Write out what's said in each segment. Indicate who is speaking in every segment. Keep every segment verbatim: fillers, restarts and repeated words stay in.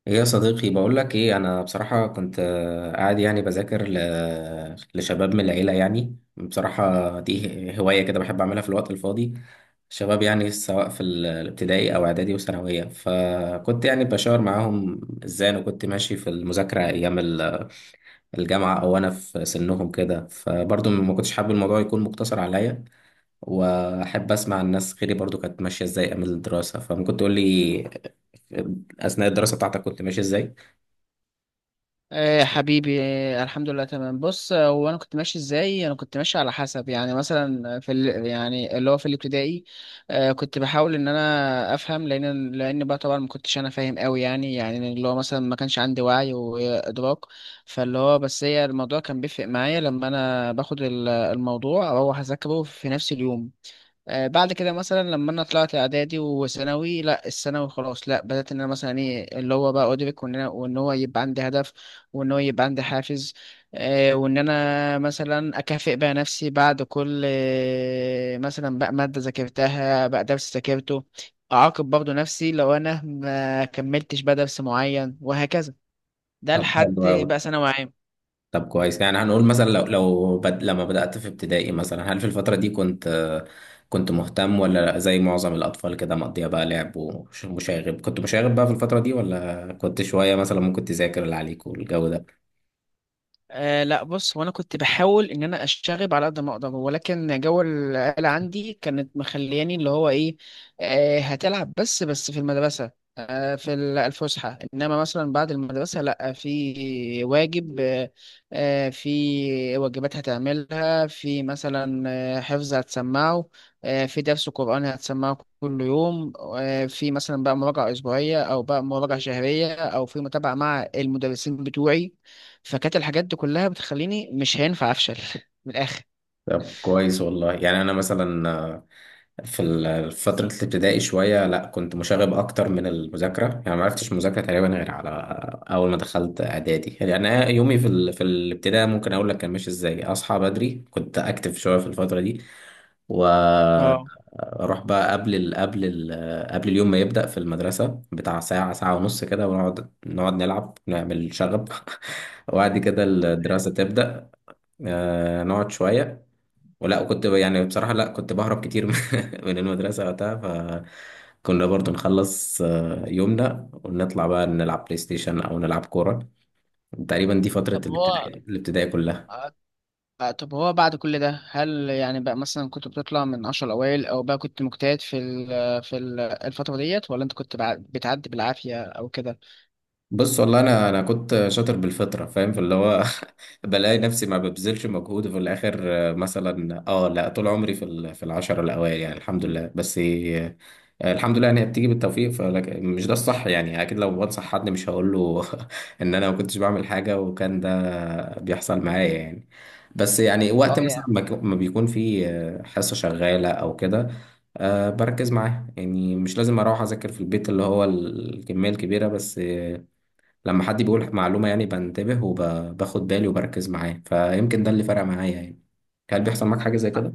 Speaker 1: ايه يا صديقي، بقول لك ايه. انا بصراحة كنت آه، قاعد، يعني بذاكر ل- لشباب من العيلة. يعني بصراحة دي هواية كده بحب اعملها في الوقت الفاضي. شباب يعني سواء في ال- الابتدائي او اعدادي وثانوية، فكنت يعني بشاور معاهم ازاي انا كنت ماشي في المذاكرة ايام ال- الجامعة، او انا في سنهم كده. فبرضه ما كنتش حابب الموضوع يكون مقتصر عليا، واحب اسمع الناس غيري برضه كانت ماشية ازاي ايام الدراسة. فممكن تقول لي، آه، اثناء الدراسة بتاعتك كنت ماشي ازاي؟
Speaker 2: ايه يا حبيبي، إيه؟ الحمد لله، تمام. بص، آه، هو انا كنت ماشي ازاي. انا كنت ماشي على حسب، يعني مثلا في ال... يعني اللي هو في الابتدائي. آه كنت بحاول ان انا افهم، لان لان بقى طبعا ما كنتش انا فاهم قوي، يعني يعني اللي هو مثلا ما كانش عندي وعي وادراك. فاللي هو بس هي الموضوع كان بيفرق معايا لما انا باخد ال- الموضوع او اذاكره في نفس اليوم. آه، بعد كده مثلا لما انا طلعت اعدادي وثانوي، لا الثانوي خلاص، لا بدات ان انا مثلا ايه اللي هو بقى ادرك، وان انا وان هو يبقى عندي هدف، وان هو يبقى عندي حافز. آه، وان انا مثلا اكافئ بقى نفسي بعد كل آه، مثلا بقى ماده ذاكرتها، بقى درس ذاكرته. اعاقب برضه نفسي لو انا ما كملتش بقى درس معين، وهكذا. ده
Speaker 1: طب حلو
Speaker 2: لحد
Speaker 1: أوي.
Speaker 2: بقى ثانوي عام.
Speaker 1: طب كويس، يعني هنقول مثلا، لو لو بد... لما بدأت في ابتدائي مثلا، هل في الفترة دي كنت كنت مهتم، ولا زي معظم الأطفال كده مقضية بقى لعب ومشاغب؟ كنت مشاغب بقى في الفترة دي، ولا كنت شوية مثلا ممكن تذاكر اللي عليك والجو ده؟
Speaker 2: آه لا بص، هو انا كنت بحاول ان انا اشتغل على قد ما اقدر، ولكن جو العيله عندي كانت مخلياني اللي هو ايه. آه هتلعب بس بس في المدرسه، آه في ال- الفسحه، انما مثلا بعد المدرسه لا، في واجب. آه آه، في واجبات هتعملها، في مثلا آه، حفظ هتسمعه، آه في درس قران هتسمعه كل يوم، آه في مثلا بقى مراجعه اسبوعيه او بقى مراجعه شهريه او في متابعه مع المدرسين بتوعي. فكانت الحاجات دي كلها بتخليني مش هينفع افشل من الاخر.
Speaker 1: طب كويس والله. يعني انا مثلا، آه، في ال- في فترة الابتدائي شوية، لا كنت مشاغب أكتر من المذاكرة. يعني ما عرفتش مذاكرة تقريبا غير على، آه، أول ما دخلت إعدادي. يعني أنا يومي في ال... في الابتدائي ممكن أقول لك كان ماشي إزاي: أصحى بدري، كنت أكتف شوية في الفترة دي،
Speaker 2: اه،
Speaker 1: وأروح بقى قبل ال... قبل ال... آه، قبل اليوم ما يبدأ في المدرسة بتاع ساعة ساعة ونص كده، ونقعد نقعد نلعب نعمل شغب وبعد كده
Speaker 2: تمام.
Speaker 1: الدراسة تبدأ. آه، نقعد شوية، ولا كنت ب- يعني بصراحة لا كنت بهرب كتير من من المدرسة وقتها. فكنا برضو نخلص آه، يومنا ونطلع بقى نلعب بلاي ستيشن أو نلعب كورة. تقريبا دي فترة
Speaker 2: طب هو
Speaker 1: الابتدائي الابتدائي كلها.
Speaker 2: آه، طب هو بعد كل ده هل يعني بقى مثلا كنت بتطلع من عشر الأوائل، أو بقى كنت مجتهد في ال في ال الفترة ديت، ولا أنت كنت بع- بتعدي بالعافية أو كده؟
Speaker 1: بص والله، أنا أنا كنت شاطر بالفطرة، فاهم؟ في اللي هو بلاقي نفسي ما ببذلش مجهود، وفي الآخر آه، مثلا، اه لا، طول عمري في ال- في العشرة الأوائل، يعني الحمد لله. بس آه، الحمد لله ان هي بتيجي بالتوفيق، فلك مش ده الصح يعني. اكيد لو بنصح حد مش هقول له ان انا ما كنتش بعمل حاجه وكان ده بيحصل معايا يعني. بس يعني وقت
Speaker 2: اه،
Speaker 1: مثلا
Speaker 2: يعني
Speaker 1: ما ك- ما بيكون في، آه، حصه شغاله او كده، آه، بركز معاها. يعني مش لازم اروح اذاكر في البيت اللي هو الكميه الكبيره، بس آه، لما حد بيقول معلومه يعني بنتبه وباخد بالي وبركز معاه. فيمكن ده اللي فرق معايا يعني. هل بيحصل معاك حاجه زي كده؟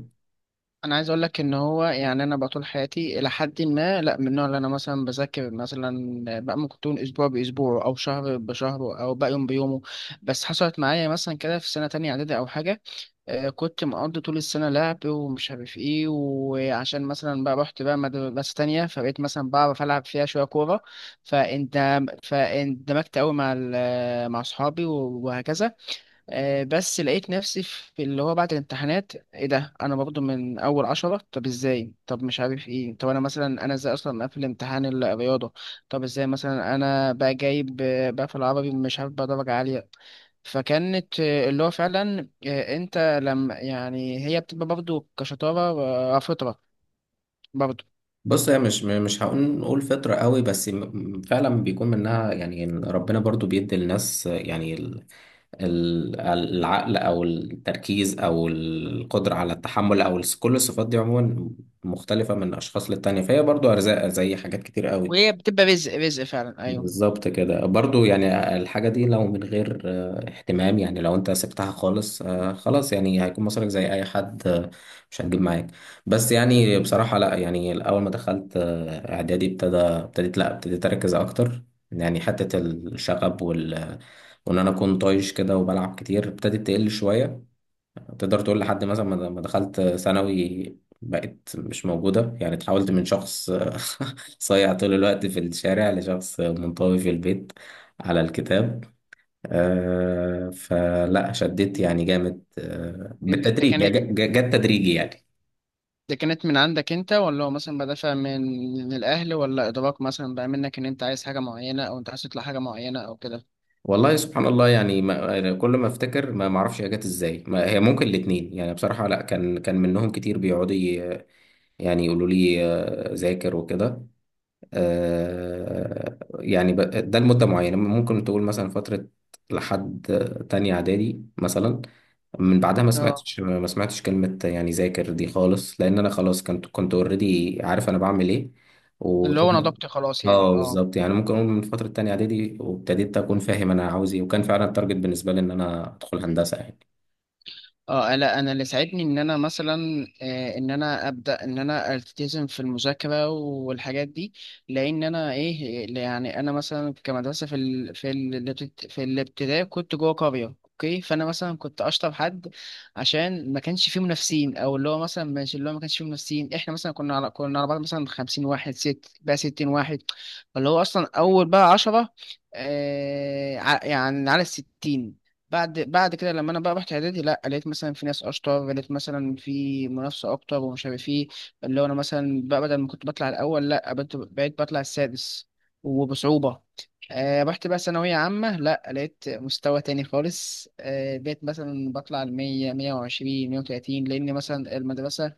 Speaker 2: أنا عايز أقول لك إن هو يعني أنا بقى طول حياتي إلى حد ما، لا من النوع اللي أنا مثلا بذاكر مثلا بقى ممكن تكون أسبوع بأسبوع أو شهر بشهر أو بقى يوم بيومه. بس حصلت معايا مثلا كده في سنة تانية إعدادي أو حاجة، آه، كنت مقضي طول السنة لعب ومش عارف ايه، وعشان مثلا بقى رحت بقى مدرسة تانية فبقيت مثلا بعرف ألعب فيها شوية كورة، فاندمجت أوي مع ال- مع أصحابي وهكذا. آه، بس لقيت نفسي في اللي هو بعد الامتحانات، ايه ده انا برضه من اول عشرة؟ طب ازاي؟ طب مش عارف ايه، طب انا مثلا انا ازاي اصلا مقفل امتحان الرياضة؟ طب ازاي مثلا انا بقى جايب آه، بقى في العربي مش عارف بقى درجة عالية؟ فكانت آه، اللي هو فعلا آه، انت لما يعني هي بتبقى برضه كشطارة، آه، فطرة برضه.
Speaker 1: بص، هي مش م- مش هقول نقول فطرة قوي، بس م- فعلا بيكون منها. يعني إن ربنا برضو بيدي للناس يعني ال- ال- العقل او التركيز او القدرة على التحمل او الس- كل الصفات دي عموما مختلفة من اشخاص للتانية. فهي برضو ارزاق زي حاجات كتير قوي.
Speaker 2: وهي بتبقى رزق، رزق فعلا، ايوه.
Speaker 1: بالظبط كده برضو. يعني الحاجة دي لو من غير آه، اهتمام، يعني لو انت سبتها خالص آه، خلاص، يعني هيكون مصارك زي اي حد، آه، مش هتجيب معاك. بس يعني بصراحة لا، يعني الاول ما دخلت آه، اعدادي، ابتدى ابتديت، لا ابتديت اركز اكتر. يعني حتة الشغب وال وان انا اكون طايش كده وبلعب كتير ابتدت تقل شوية. تقدر تقول لحد مثلا ما ما دخلت ثانوي، بقيت مش موجودة. يعني اتحولت من شخص صايع طول الوقت في الشارع، لشخص منطوي في البيت على الكتاب. آه، فلا شديت يعني جامد، آه،
Speaker 2: ده
Speaker 1: بالتدريج، هي ج-
Speaker 2: كانت،
Speaker 1: ج- جت تدريجي يعني.
Speaker 2: دي كانت من عندك انت، ولا هو مثلا بدافع من من الاهل، ولا ادراك مثلا بقى منك ان انت عايز حاجه معينه، او انت عايز تطلع حاجه معينه، او كده؟
Speaker 1: والله سبحان الله. يعني ما أنا كل ما افتكر ما ما اعرفش هي جت ازاي. ما هي ممكن الاتنين. يعني بصراحة لا، كان كان منهم كتير بيقعدوا ي- يعني يقولوا لي آه، ذاكر وكده. آه، يعني ب- ده لمدة معينة، ممكن تقول مثلا فترة لحد تانية إعدادي مثلا. من بعدها ما
Speaker 2: اه،
Speaker 1: سمعتش ما سمعتش كلمة يعني ذاكر دي خالص، لأن أنا خلاص كنت كنت أوريدي عارف أنا بعمل إيه.
Speaker 2: اللي هو انا
Speaker 1: وتقدر،
Speaker 2: ضبطي خلاص يعني،
Speaker 1: اه،
Speaker 2: اه.
Speaker 1: بالظبط. يعني ممكن أقول من فترة تانية إعدادي، وابتديت أكون فاهم أنا عاوز إيه، وكان فعلا التارجت بالنسبة لي إن أنا أدخل هندسة يعني.
Speaker 2: اه لا، انا اللي ساعدني ان انا مثلا آه، ان انا ابدا ان انا التزم في المذاكره والحاجات دي، لان انا ايه يعني انا مثلا كمدرسه في ال... في ال... في الابتدائي كنت جوه قريه، اوكي، فانا مثلا كنت اشطر حد، عشان ما كانش فيه منافسين، او اللي هو مثلا مش اللي هو ما كانش فيه منافسين. احنا مثلا كنا على كنا على بعض مثلا خمسين واحد، ست بقى ستين واحد، فاللي هو اصلا اول بقى عشرة، آه ع- يعني على الستين. بعد بعد كده لما انا بقى رحت اعدادي، لا لقيت مثلا في ناس اشطر، لقيت مثلا في منافسه اكتر ومش عارف ايه. اللي هو انا مثلا بقى بدل ما كنت بطلع الاول، لا بقيت بقيت بطلع السادس، وبصعوبه. آه رحت بقى ثانويه عامه، لا لقيت مستوى تاني خالص، آه بقيت مثلا بطلع ال مائة، مية وعشرين، مية وتلاتين، لان مثلا المدرسه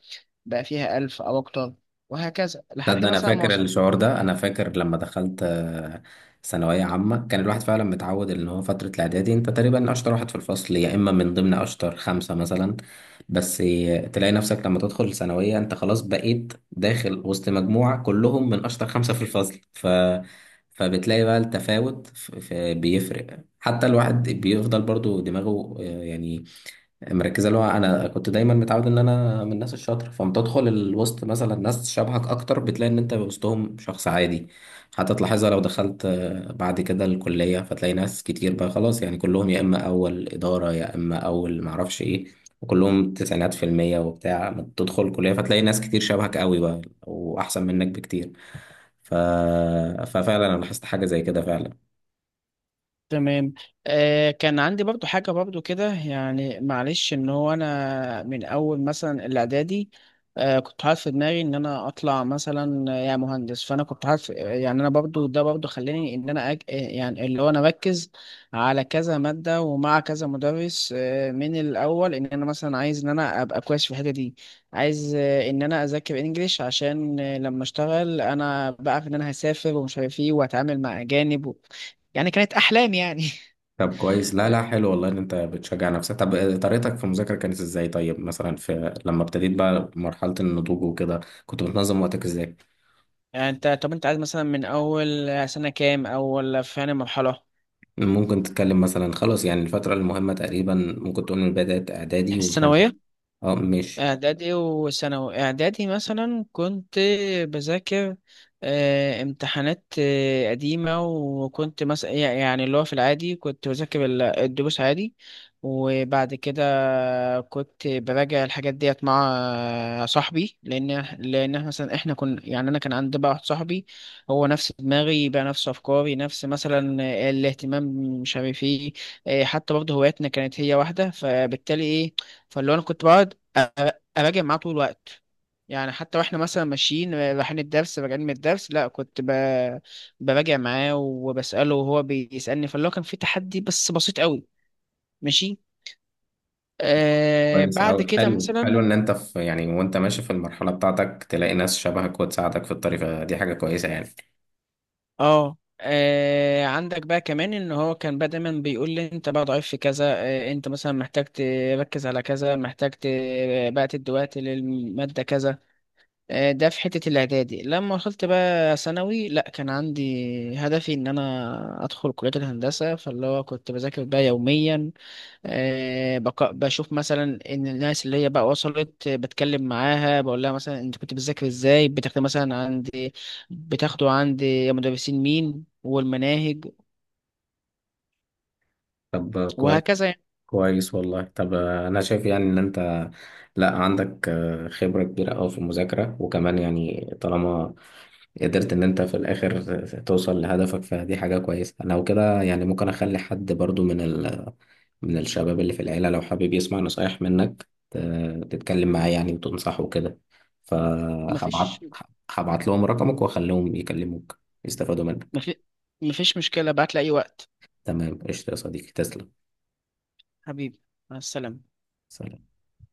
Speaker 2: بقى فيها ألف او اكتر، وهكذا
Speaker 1: ده,
Speaker 2: لحد
Speaker 1: ده انا
Speaker 2: مثلا ما
Speaker 1: فاكر
Speaker 2: وصلت.
Speaker 1: الشعور ده، انا فاكر لما دخلت آه، ثانويه عامه، كان الواحد فعلا متعود ان هو فتره الاعدادي انت تقريبا اشطر واحد في الفصل، يا اما من ضمن اشطر خمسه مثلا. بس آه، تلاقي نفسك لما تدخل ثانويه، انت خلاص بقيت داخل وسط مجموعه كلهم من اشطر خمسه في الفصل. ف فبتلاقي بقى التفاوت ف... ف... بيفرق. حتى الواحد بيفضل برضو دماغه آه، يعني مركزه. اللي هو انا كنت دايما متعود ان انا من الناس الشاطره، فلما تدخل الوسط مثلا ناس شبهك اكتر، بتلاقي ان انت وسطهم شخص عادي. حتى تلاحظها لو دخلت آه، بعد كده الكليه، فتلاقي ناس كتير بقى خلاص، يعني كلهم يا اما اول اداره يا اما اول معرفش ايه، وكلهم تسعينات في المية وبتاع. ما تدخل الكلية فتلاقي ناس كتير شبهك قوي بقى، وأحسن منك بكتير. ف... ففعلا أنا لاحظت حاجة زي كده فعلا.
Speaker 2: تمام. آه كان عندي برضو حاجة برضو كده يعني، معلش، ان هو انا من اول مثلا الاعدادي آه كنت حاطط في دماغي ان انا اطلع مثلا آه، يا مهندس. فانا كنت حاطط يعني، انا برضو ده برضو خلاني ان انا أج... آه، يعني اللي هو انا اركز على كذا مادة ومع كذا مدرس آه من الاول، ان انا مثلا عايز ان انا ابقى كويس في الحتة دي. عايز آه، ان انا اذاكر انجليش عشان آه، لما اشتغل انا بعرف ان انا هسافر ومش عارف ايه، واتعامل مع اجانب. يعني كانت احلام يعني.
Speaker 1: طب كويس. لا لا، حلو والله ان انت بتشجع نفسك. طب آه، طريقتك في المذاكره كانت ازاي؟ طيب مثلا، في لما ابتديت بقى مرحله النضوج وكده، كنت بتنظم وقتك ازاي؟
Speaker 2: انت طب انت عايز مثلا من اول سنة كام اول في يعني مرحلة
Speaker 1: ممكن تتكلم مثلا، خلاص يعني الفتره المهمه تقريبا ممكن تقول من بدايه اعدادي وثانوي.
Speaker 2: الثانوية؟
Speaker 1: اه ماشي.
Speaker 2: إعدادي وثانوي، إعدادي مثلا كنت بذاكر آه، امتحانات آه، قديمة، وكنت مثلا يعني اللي هو في العادي كنت بذاكر ال- الدروس عادي. وبعد كده كنت براجع الحاجات ديت مع آه، صاحبي، لأن لأن إحنا مثلا إحنا كنا يعني أنا كان عندي بقى واحد صاحبي، هو نفس دماغي بقى، نفس أفكاري، نفس مثلا آه، الاهتمام، مش عارف إيه. آه، حتى برضه هواياتنا كانت هي واحدة، فبالتالي إيه. فاللي هو أنا كنت بقعد اراجع معاه طول الوقت. يعني حتى واحنا مثلا ماشيين رايحين الدرس، راجعين من الدرس، لا كنت ب... براجع معاه وبسأله وهو بيسألني، فاللي هو كان في تحدي بس بسيط قوي. ماشي. آه
Speaker 1: كويس
Speaker 2: بعد
Speaker 1: أوي.
Speaker 2: كده
Speaker 1: حلو حلو
Speaker 2: مثلا،
Speaker 1: ان انت، في يعني وانت ماشي في المرحله بتاعتك، تلاقي ناس شبهك وتساعدك في الطريق، فدي حاجه كويسه يعني.
Speaker 2: اه. آه عندك بقى كمان ان هو كان بقى دايما بيقول لي انت بقى ضعيف في كذا، آه انت مثلا محتاج تركز على كذا، محتاج ت- بقى تدي وقت للمادة كذا. آه، ده في حتة الإعدادي، لما وصلت بقى ثانوي لأ كان عندي هدفي إن أنا أدخل كلية الهندسة. فاللي هو كنت بذاكر بقى يوميا، آه، بق- بشوف مثلا إن الناس اللي هي بقى وصلت آه، بتكلم معاها بقول لها مثلا أنت كنت بتذاكر إزاي، بتاخد مثلا عندي، بتاخده عندي مدرسين مين، والمناهج،
Speaker 1: طب آه، كويس.
Speaker 2: وهكذا يعني.
Speaker 1: كويس والله. طب آه، انا شايف يعني ان انت لا عندك آه، خبرة كبيرة قوي في المذاكرة، وكمان يعني طالما قدرت ان انت في الاخر توصل لهدفك، فدي حاجة كويسة انا وكده. يعني ممكن اخلي حد برضو من، ال من الشباب اللي في العيلة، لو حابب يسمع نصايح منك، ت- تتكلم معاه يعني وتنصحه كده. فهبعت
Speaker 2: مفيش
Speaker 1: هبعت لهم رقمك واخليهم يكلموك، يستفادوا منك.
Speaker 2: مفي- مفيش مشكلة، بعت لي أي وقت.
Speaker 1: تمام قشطة يا صديقي، تسلم.
Speaker 2: حبيبي، مع السلامة.
Speaker 1: سلام.